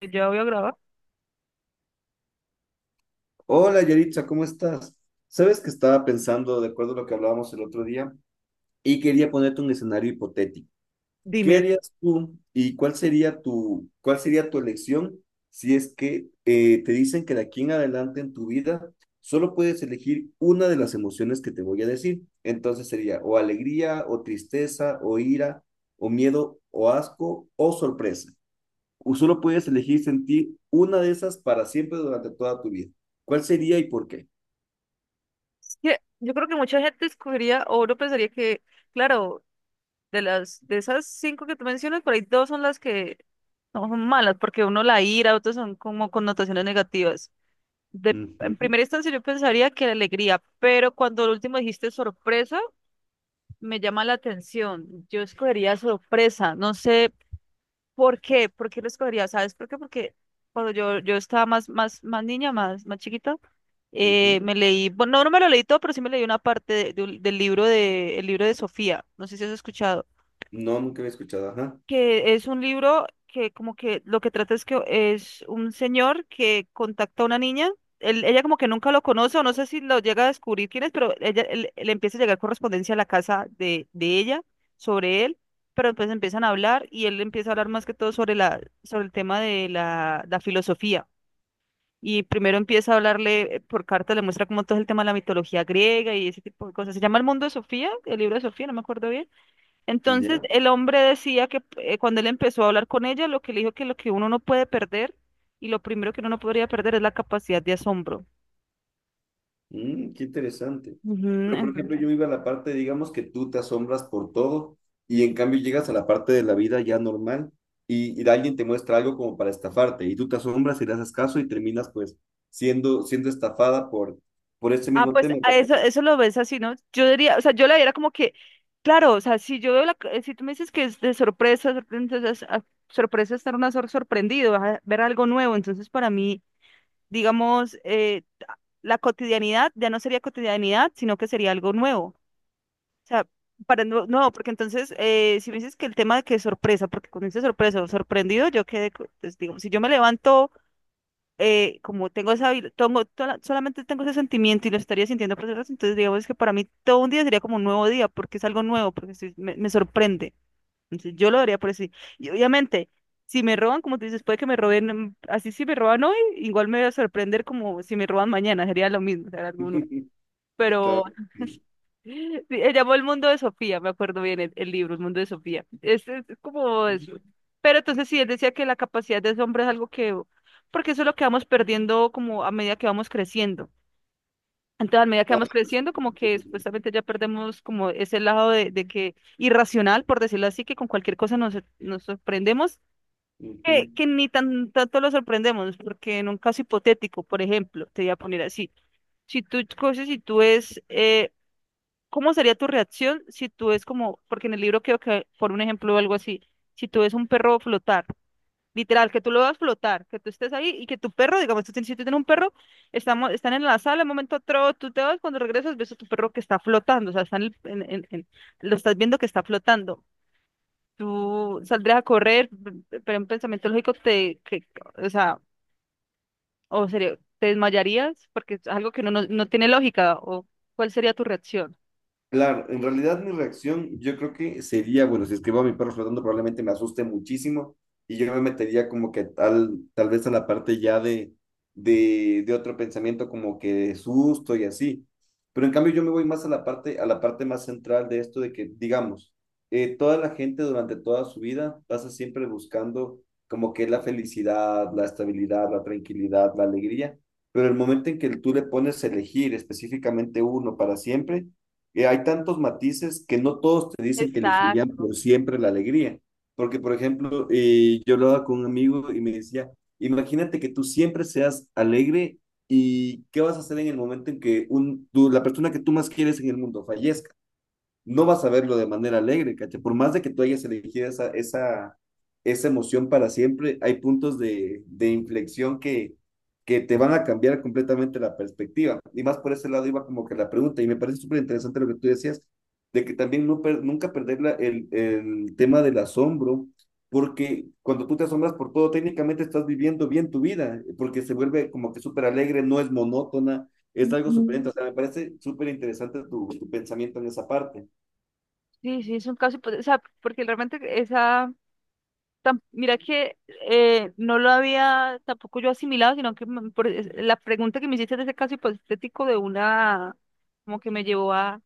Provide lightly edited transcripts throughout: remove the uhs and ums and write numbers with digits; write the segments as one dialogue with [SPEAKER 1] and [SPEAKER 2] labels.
[SPEAKER 1] Yo había grabado.
[SPEAKER 2] Hola Yaritza, ¿cómo estás? Sabes que estaba pensando, de acuerdo a lo que hablábamos el otro día, y quería ponerte un escenario hipotético. ¿Qué
[SPEAKER 1] Dime.
[SPEAKER 2] harías tú y cuál sería tu elección si es que te dicen que de aquí en adelante en tu vida solo puedes elegir una de las emociones que te voy a decir? Entonces sería o alegría, o tristeza, o ira, o miedo, o asco, o sorpresa. O solo puedes elegir sentir una de esas para siempre durante toda tu vida. ¿Cuál sería y por qué?
[SPEAKER 1] Es que yo creo que mucha gente escogería o uno pensaría que, claro, de esas cinco que tú mencionas, por ahí dos son las que no son malas, porque uno la ira, otros son como connotaciones negativas. De, en
[SPEAKER 2] Ujú,
[SPEAKER 1] primera instancia yo pensaría que la alegría, pero cuando el último dijiste sorpresa, me llama la atención. Yo escogería sorpresa, no sé por qué lo escogería, ¿sabes por qué? Porque cuando yo estaba más, más, más niña, más, más chiquita.
[SPEAKER 2] ujú.
[SPEAKER 1] Me leí, bueno, no, no me lo leí todo, pero sí me leí una parte del libro de, el libro de Sofía, no sé si has escuchado,
[SPEAKER 2] No, nunca había escuchado, ajá.
[SPEAKER 1] que es un libro que como que lo que trata es que es un señor que contacta a una niña, ella como que nunca lo conoce o no sé si lo llega a descubrir quién es, pero ella, le empieza a llegar correspondencia a la casa de ella sobre él, pero después empiezan a hablar y él empieza a hablar más que todo sobre la, sobre el tema de la filosofía y primero empieza a hablarle por carta, le muestra como todo el tema de la mitología griega y ese tipo de cosas. Se llama El Mundo de Sofía, el libro de Sofía, no me acuerdo bien. Entonces,
[SPEAKER 2] Ya.
[SPEAKER 1] el hombre decía que cuando él empezó a hablar con ella, lo que le dijo que lo que uno no puede perder y lo primero que uno no podría perder es la capacidad de asombro.
[SPEAKER 2] Mm, qué interesante.
[SPEAKER 1] Ujú,
[SPEAKER 2] Pero, por ejemplo,
[SPEAKER 1] entonces.
[SPEAKER 2] yo iba a la parte, digamos que tú te asombras por todo y en cambio llegas a la parte de la vida ya normal y alguien te muestra algo como para estafarte y tú te asombras y le haces caso y terminas pues siendo estafada por ese
[SPEAKER 1] Ah,
[SPEAKER 2] mismo
[SPEAKER 1] pues
[SPEAKER 2] tema.
[SPEAKER 1] a eso, eso lo ves así, ¿no? Yo diría, o sea, yo la era como que, claro, o sea, si yo veo la, si tú me dices que es de sorpresa, entonces, ah, sorpresa es estar una sorprendido, ah, ver algo nuevo, entonces para mí digamos, la cotidianidad ya no sería cotidianidad, sino que sería algo nuevo. O sea, para no, no, porque entonces, si me dices que el tema de que es sorpresa, porque cuando dices sorpresa o sorprendido, yo quedé, pues, digamos, si yo me levanto, como tengo esa, tengo, solamente tengo ese sentimiento y lo estaría sintiendo por horas, entonces digamos que para mí todo un día sería como un nuevo día, porque es algo nuevo, porque me sorprende. Entonces, yo lo daría por así. Y obviamente, si me roban, como tú dices, puede que me roben, así si me roban hoy, igual me voy a sorprender como si me roban mañana, sería lo mismo, será alguno.
[SPEAKER 2] Claro
[SPEAKER 1] Pero
[SPEAKER 2] que sí.
[SPEAKER 1] sí, se llamó El Mundo de Sofía, me acuerdo bien el libro, El Mundo de Sofía. Es como eso. Pero entonces sí, él decía que la capacidad de asombro es algo que, porque eso es lo que vamos perdiendo como a medida que vamos creciendo. Entonces, a medida que
[SPEAKER 2] Claro
[SPEAKER 1] vamos
[SPEAKER 2] que sí.
[SPEAKER 1] creciendo, como que supuestamente ya perdemos como ese lado de que irracional, por decirlo así, que con cualquier cosa nos, nos sorprendemos
[SPEAKER 2] Ujú.
[SPEAKER 1] que ni tan, tanto lo sorprendemos, porque en un caso hipotético, por ejemplo, te voy a poner así, si tú coges y tú es, ¿cómo sería tu reacción si tú es como, porque en el libro creo que, por un ejemplo o algo así, si tú ves un perro flotar, literal, que tú lo veas flotar, que tú estés ahí y que tu perro, digamos, tú tienes, si tú tienes un perro, estamos, están en la sala, un momento otro, tú te vas, cuando regresas ves a tu perro que está flotando, o sea, está en el- en- lo estás viendo que está flotando, tú saldrías a correr, pero un pensamiento lógico te, que, o sea, o sería, te desmayarías porque es algo que no, no, no tiene lógica, o cuál sería tu reacción.
[SPEAKER 2] Claro, en realidad mi reacción yo creo que sería, bueno, si escribo a mi perro flotando probablemente me asuste muchísimo y yo me metería como que tal vez a la parte ya de otro pensamiento como que de susto y así. Pero en cambio yo me voy más a la parte más central de esto de que, digamos, toda la gente durante toda su vida pasa siempre buscando como que la felicidad, la estabilidad, la tranquilidad, la alegría, pero el momento en que tú le pones a elegir específicamente uno para siempre, hay tantos matices que no todos te dicen que elegirían
[SPEAKER 1] Exacto.
[SPEAKER 2] por siempre la alegría. Porque, por ejemplo, yo hablaba con un amigo y me decía, imagínate que tú siempre seas alegre y qué vas a hacer en el momento en que la persona que tú más quieres en el mundo fallezca no vas a verlo de manera alegre, ¿cachai? Por más de que tú hayas elegido esa emoción para siempre, hay puntos de inflexión que te van a cambiar completamente la perspectiva. Y más por ese lado iba como que la pregunta, y me parece súper interesante lo que tú decías, de que también nunca perder el tema del asombro, porque cuando tú te asombras por todo, técnicamente estás viviendo bien tu vida, porque se vuelve como que súper alegre, no es monótona, es algo
[SPEAKER 1] Ujú.
[SPEAKER 2] súper, o sea, me parece súper interesante tu pensamiento en esa parte.
[SPEAKER 1] Sí, sí, es un caso, hipotético, o sea, porque realmente esa, mira que no lo había tampoco yo asimilado, sino que la pregunta que me hiciste de ese caso hipotético de una, como que me llevó a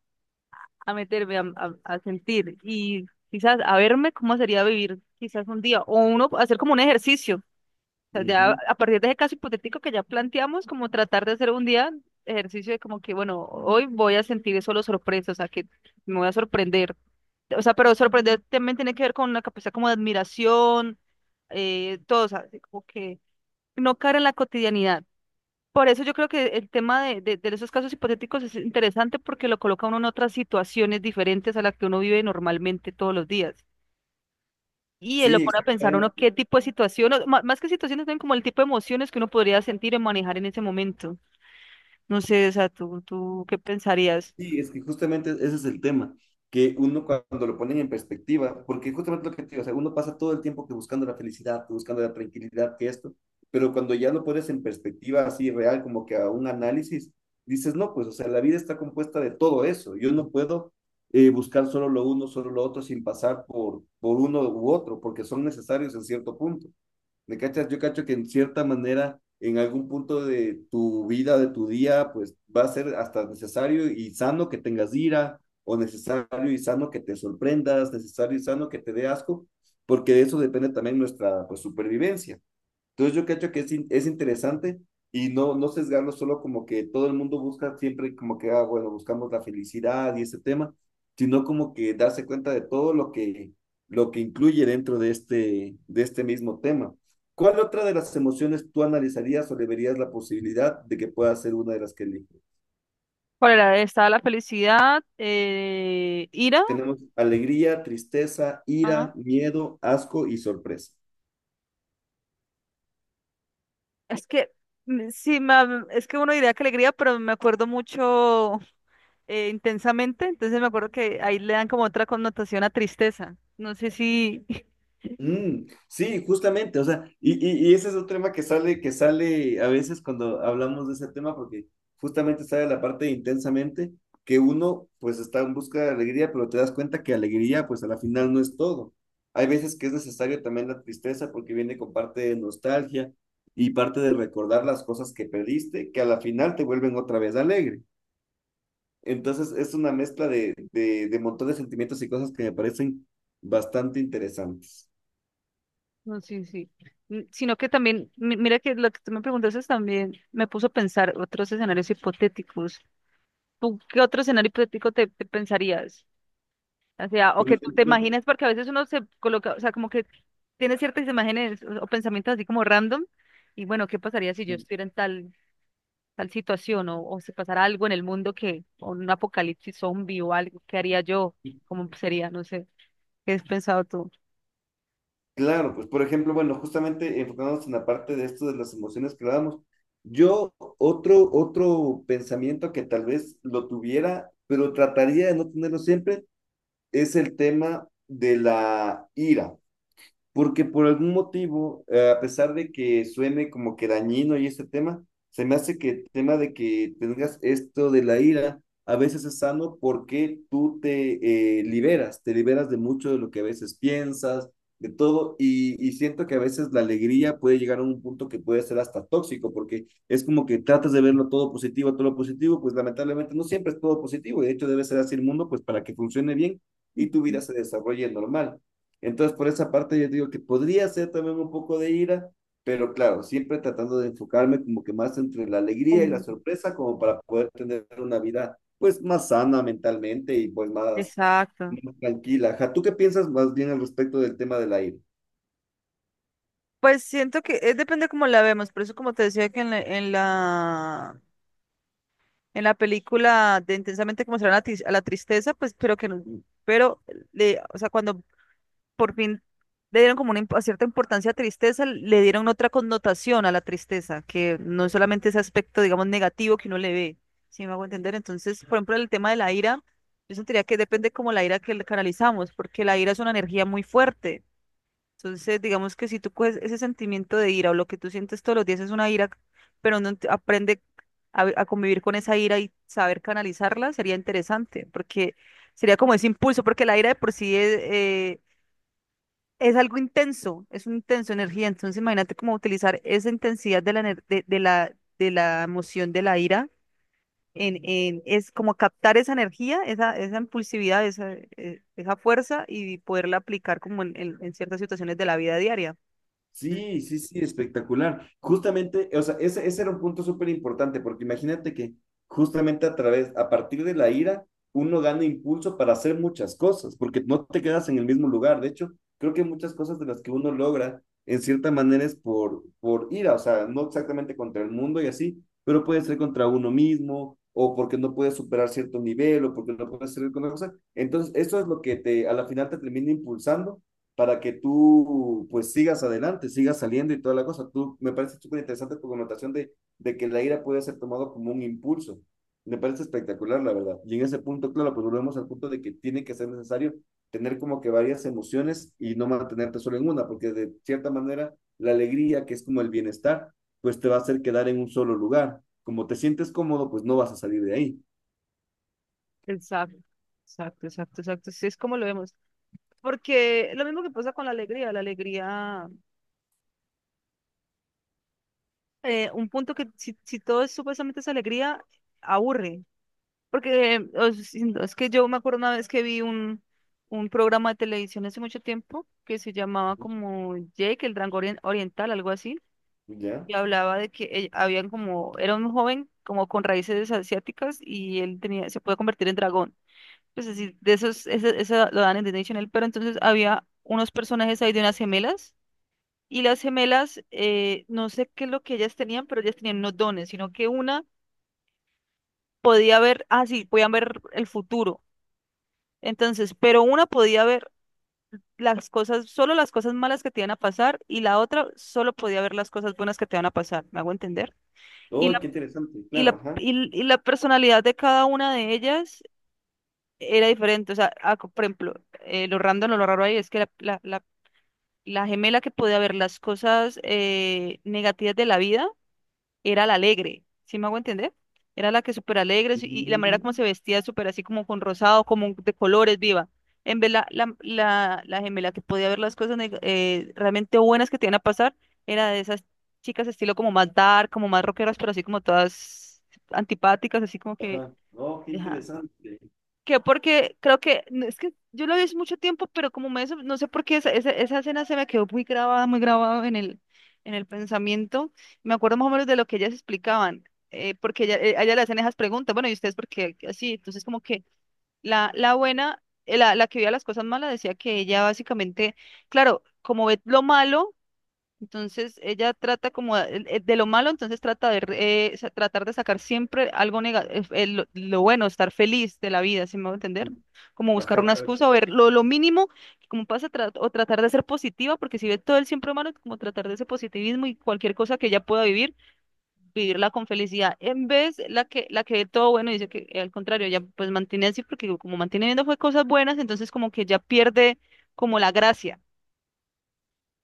[SPEAKER 1] meterme, a sentir y quizás a verme cómo sería vivir quizás un día o uno hacer como un ejercicio. O sea, ya
[SPEAKER 2] Ujú.
[SPEAKER 1] a partir de ese caso hipotético que ya planteamos, como tratar de hacer un día ejercicio de como que, bueno, hoy voy a sentir solo sorpresa, o sea, que me voy a sorprender. O sea, pero sorprender también tiene que ver con una capacidad como de admiración, todo, o sea, como que no caer en la cotidianidad, por eso yo creo que el tema de esos casos hipotéticos es interesante porque lo coloca uno en otras situaciones diferentes a las que uno vive normalmente todos los días. Y él lo
[SPEAKER 2] Sí,
[SPEAKER 1] pone a pensar uno
[SPEAKER 2] exactamente.
[SPEAKER 1] qué tipo de situación, o más que situaciones, también como el tipo de emociones que uno podría sentir y manejar en ese momento. No sé, o sea, ¿tú qué pensarías?
[SPEAKER 2] Sí, es que justamente ese es el tema, que uno cuando lo ponen en perspectiva, porque justamente lo que te digo, o sea, uno pasa todo el tiempo que buscando la felicidad, que buscando la tranquilidad, que esto, pero cuando ya lo pones en perspectiva así real, como que a un análisis, dices, no, pues, o sea, la vida está compuesta de todo eso, yo no puedo buscar solo lo uno, solo lo otro, sin pasar por uno u otro, porque son necesarios en cierto punto. ¿Me cachas? Yo cacho que en cierta manera, en algún punto de tu vida, de tu día, pues va a ser hasta necesario y sano que tengas ira, o necesario y sano que te sorprendas, necesario y sano que te dé asco, porque de eso depende también nuestra pues, supervivencia. Entonces yo creo que es interesante y no, no sesgarlo solo como que todo el mundo busca siempre como que, ah, bueno, buscamos la felicidad y ese tema, sino como que darse cuenta de todo lo que incluye dentro de este mismo tema. ¿Cuál otra de las emociones tú analizarías o le verías la posibilidad de que pueda ser una de las que elijo?
[SPEAKER 1] ¿Cuál era? ¿Estaba la felicidad? ¿Ira?
[SPEAKER 2] Tenemos alegría, tristeza, ira,
[SPEAKER 1] Ajá.
[SPEAKER 2] miedo, asco y sorpresa.
[SPEAKER 1] Es que sí, es que uno diría que alegría, pero me acuerdo mucho intensamente, entonces me acuerdo que ahí le dan como otra connotación a tristeza. No sé si,
[SPEAKER 2] Mm, sí, justamente, o sea, y ese es otro tema que sale a veces cuando hablamos de ese tema, porque justamente sale la parte de intensamente, que uno pues está en busca de alegría, pero te das cuenta que alegría pues a la final no es todo. Hay veces que es necesario también la tristeza porque viene con parte de nostalgia y parte de recordar las cosas que perdiste, que a la final te vuelven otra vez alegre. Entonces es una mezcla de montón de sentimientos y cosas que me parecen bastante interesantes.
[SPEAKER 1] no sé si, sino que también, mira que lo que tú me preguntaste también me puso a pensar otros escenarios hipotéticos. ¿Tú qué otro escenario hipotético te pensarías? O sea, o
[SPEAKER 2] Por
[SPEAKER 1] que tú te
[SPEAKER 2] ejemplo,
[SPEAKER 1] imaginas, porque a veces uno se coloca, o sea, como que tiene ciertas imágenes o pensamientos así como random, y bueno, ¿qué pasaría si yo estuviera en tal situación o si pasara algo en el mundo que, o un apocalipsis zombie o algo, ¿qué haría yo? ¿Cómo sería? No sé, ¿qué has pensado tú?
[SPEAKER 2] claro, pues por ejemplo, bueno, justamente enfocándonos en la parte de esto de las emociones que dábamos, otro pensamiento que tal vez lo tuviera, pero trataría de no tenerlo siempre, es el tema de la ira. Porque por algún motivo, a pesar de que suene como que dañino y este tema, se me hace que el tema de que tengas esto de la ira a veces es sano porque tú te liberas, te liberas de mucho de lo que a veces piensas, de todo, y siento que a veces la alegría puede llegar a un punto que puede ser hasta tóxico, porque es como que tratas de verlo todo positivo, todo lo positivo, pues lamentablemente no siempre es todo positivo, y de hecho debe ser así el mundo, pues para que funcione bien y tu vida se desarrolle normal. Entonces, por esa parte yo digo que podría ser también un poco de ira, pero claro, siempre tratando de enfocarme como que más entre la alegría y la
[SPEAKER 1] Mm,
[SPEAKER 2] sorpresa, como para poder tener una vida pues más sana mentalmente y pues más,
[SPEAKER 1] exacto.
[SPEAKER 2] más tranquila. Ajá, ¿tú qué piensas más bien al respecto del tema de la ira?
[SPEAKER 1] Pues siento que es depende cómo la vemos, por eso como te decía que en la película de Intensamente como será la, la tristeza, pues pero que no, pero le, o sea, cuando por fin le dieron como una cierta importancia a tristeza, le dieron otra connotación a la tristeza, que no es solamente ese aspecto, digamos, negativo que uno le ve, si me hago entender. Entonces, por ejemplo, el tema de la ira, yo sentiría que depende como la ira que le canalizamos, porque la ira es una energía muy fuerte. Entonces, digamos que si tú coges ese sentimiento de ira o lo que tú sientes todos los días es una ira, pero no aprende a convivir con esa ira y saber canalizarla, sería interesante, porque sería como ese impulso, porque la ira de por sí es algo intenso, es una intensa energía. Entonces, imagínate cómo utilizar esa intensidad de la, de la emoción de la ira en, es como captar esa energía, esa impulsividad, esa, esa fuerza y poderla aplicar como en, en ciertas situaciones de la vida diaria. Sí,
[SPEAKER 2] Sí, sí, sí, espectacular. Justamente, o sea, ese era un punto súper importante, porque imagínate que justamente a través, a partir de la ira, uno gana impulso para hacer muchas cosas, porque no te quedas en el mismo lugar. De hecho, creo que muchas cosas de las que uno logra, en cierta manera, es por ira, o sea, no exactamente contra el mundo y así, pero puede ser contra uno mismo, o porque no puedes superar cierto nivel, o porque no puedes hacer con otra cosa. Entonces, eso es lo que te, a la final te termina impulsando para que tú pues sigas adelante, sigas saliendo y toda la cosa. Tú, me parece súper interesante tu connotación de que la ira puede ser tomado como un impulso. Me parece espectacular, la verdad. Y en ese punto, claro, pues volvemos al punto de que tiene que ser necesario tener como que varias emociones y no mantenerte solo en una, porque de cierta manera la alegría, que es como el bienestar, pues te va a hacer quedar en un solo lugar. Como te sientes cómodo, pues no vas a salir de ahí.
[SPEAKER 1] exacto, exacto, exacto, exacto. Sí, es como lo vemos. Porque lo mismo que pasa con la alegría, un punto que si, si todo es supuestamente es alegría, aburre. Porque o si no, es que yo me acuerdo una vez que vi un programa de televisión hace mucho tiempo que se llamaba
[SPEAKER 2] Ujú.
[SPEAKER 1] como Jake, el Dragón Oriental, algo así,
[SPEAKER 2] ¿Ya?
[SPEAKER 1] y hablaba de que habían como, era un joven como con raíces asiáticas y él tenía, se puede convertir en dragón. Pues así, de esos, ese lo dan en Disney Channel, pero entonces había unos personajes ahí de unas gemelas, y las gemelas, no sé qué es lo que ellas tenían, pero ellas tenían unos dones, sino que una podía ver, ah, sí, podían ver el futuro. Entonces, pero una podía ver las cosas, solo las cosas malas que te iban a pasar y la otra solo podía ver las cosas buenas que te van a pasar, ¿me hago entender? Y
[SPEAKER 2] Oh, qué
[SPEAKER 1] la,
[SPEAKER 2] interesante,
[SPEAKER 1] y
[SPEAKER 2] claro,
[SPEAKER 1] la,
[SPEAKER 2] ajá.
[SPEAKER 1] y, y la personalidad de cada una de ellas era diferente, o sea, ah, por ejemplo, lo random o lo raro ahí es que la gemela que podía ver las cosas negativas de la vida, era la alegre, ¿sí me hago entender? Era la que súper alegre sí, y la manera como
[SPEAKER 2] Mm,
[SPEAKER 1] se vestía súper así como con rosado, como de colores viva. En vez la gemela que podía ver las cosas realmente buenas que te iban a pasar, era de esas chicas estilo como más dark, como más rockeras, pero así como todas antipáticas, así como que,
[SPEAKER 2] ajá. Oh, qué
[SPEAKER 1] ajá,
[SPEAKER 2] interesante.
[SPEAKER 1] que porque creo que, no, es que yo lo vi hace mucho tiempo, pero como me, no sé por qué esa escena se me quedó muy grabada en el pensamiento. Me acuerdo más o menos de lo que ellas explicaban, porque ella, a ella le hacen esas preguntas, bueno, ¿y ustedes por qué así? Entonces como que la buena, la que veía las cosas malas decía que ella básicamente, claro, como ve lo malo. Entonces ella trata como de lo malo, entonces trata de tratar de sacar siempre algo negativo, lo bueno, estar feliz de la vida, si me va a entender. Como buscar
[SPEAKER 2] Ajá,
[SPEAKER 1] una
[SPEAKER 2] claro.
[SPEAKER 1] excusa o ver lo mínimo, como pasa, o tratar de ser positiva, porque si ve todo el siempre malo, como tratar de ese positivismo y cualquier cosa que ella pueda vivir, vivirla con felicidad. En vez la que ve todo bueno, dice que al contrario, ella pues mantiene así, porque como mantiene viendo fue cosas buenas, entonces como que ya pierde como la gracia.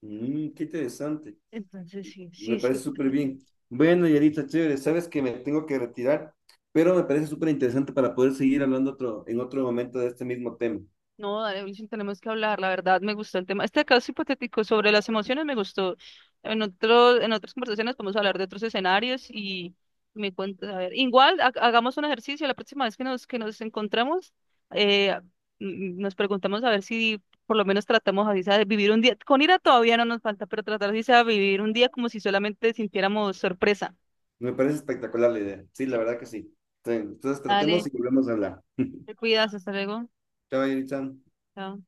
[SPEAKER 2] Mm, qué interesante.
[SPEAKER 1] Entonces sí,
[SPEAKER 2] Me
[SPEAKER 1] sí, sí,
[SPEAKER 2] parece
[SPEAKER 1] puede
[SPEAKER 2] súper
[SPEAKER 1] ser.
[SPEAKER 2] bien. Bueno, Yarita, chévere, sabes que me tengo que retirar, pero me parece súper interesante para poder seguir hablando otro, en otro momento de este mismo tema.
[SPEAKER 1] No, dale, Wilson, tenemos que hablar. La verdad, me gustó el tema. Este caso hipotético sobre las emociones me gustó. En otro, en otras conversaciones podemos hablar de otros escenarios y me cuentas. A ver, igual hagamos un ejercicio. La próxima vez que nos encontramos, eh, nos preguntamos a ver si por lo menos tratamos así sea de vivir un día. Con ira todavía no nos falta, pero tratar así sea de vivir un día como si solamente sintiéramos sorpresa.
[SPEAKER 2] Me parece espectacular la idea. Sí, la
[SPEAKER 1] Sí.
[SPEAKER 2] verdad que sí. Entonces, tratemos
[SPEAKER 1] Dale,
[SPEAKER 2] y volvemos a hablar.
[SPEAKER 1] te cuidas, hasta luego.
[SPEAKER 2] Chao, Yarita.
[SPEAKER 1] Chao.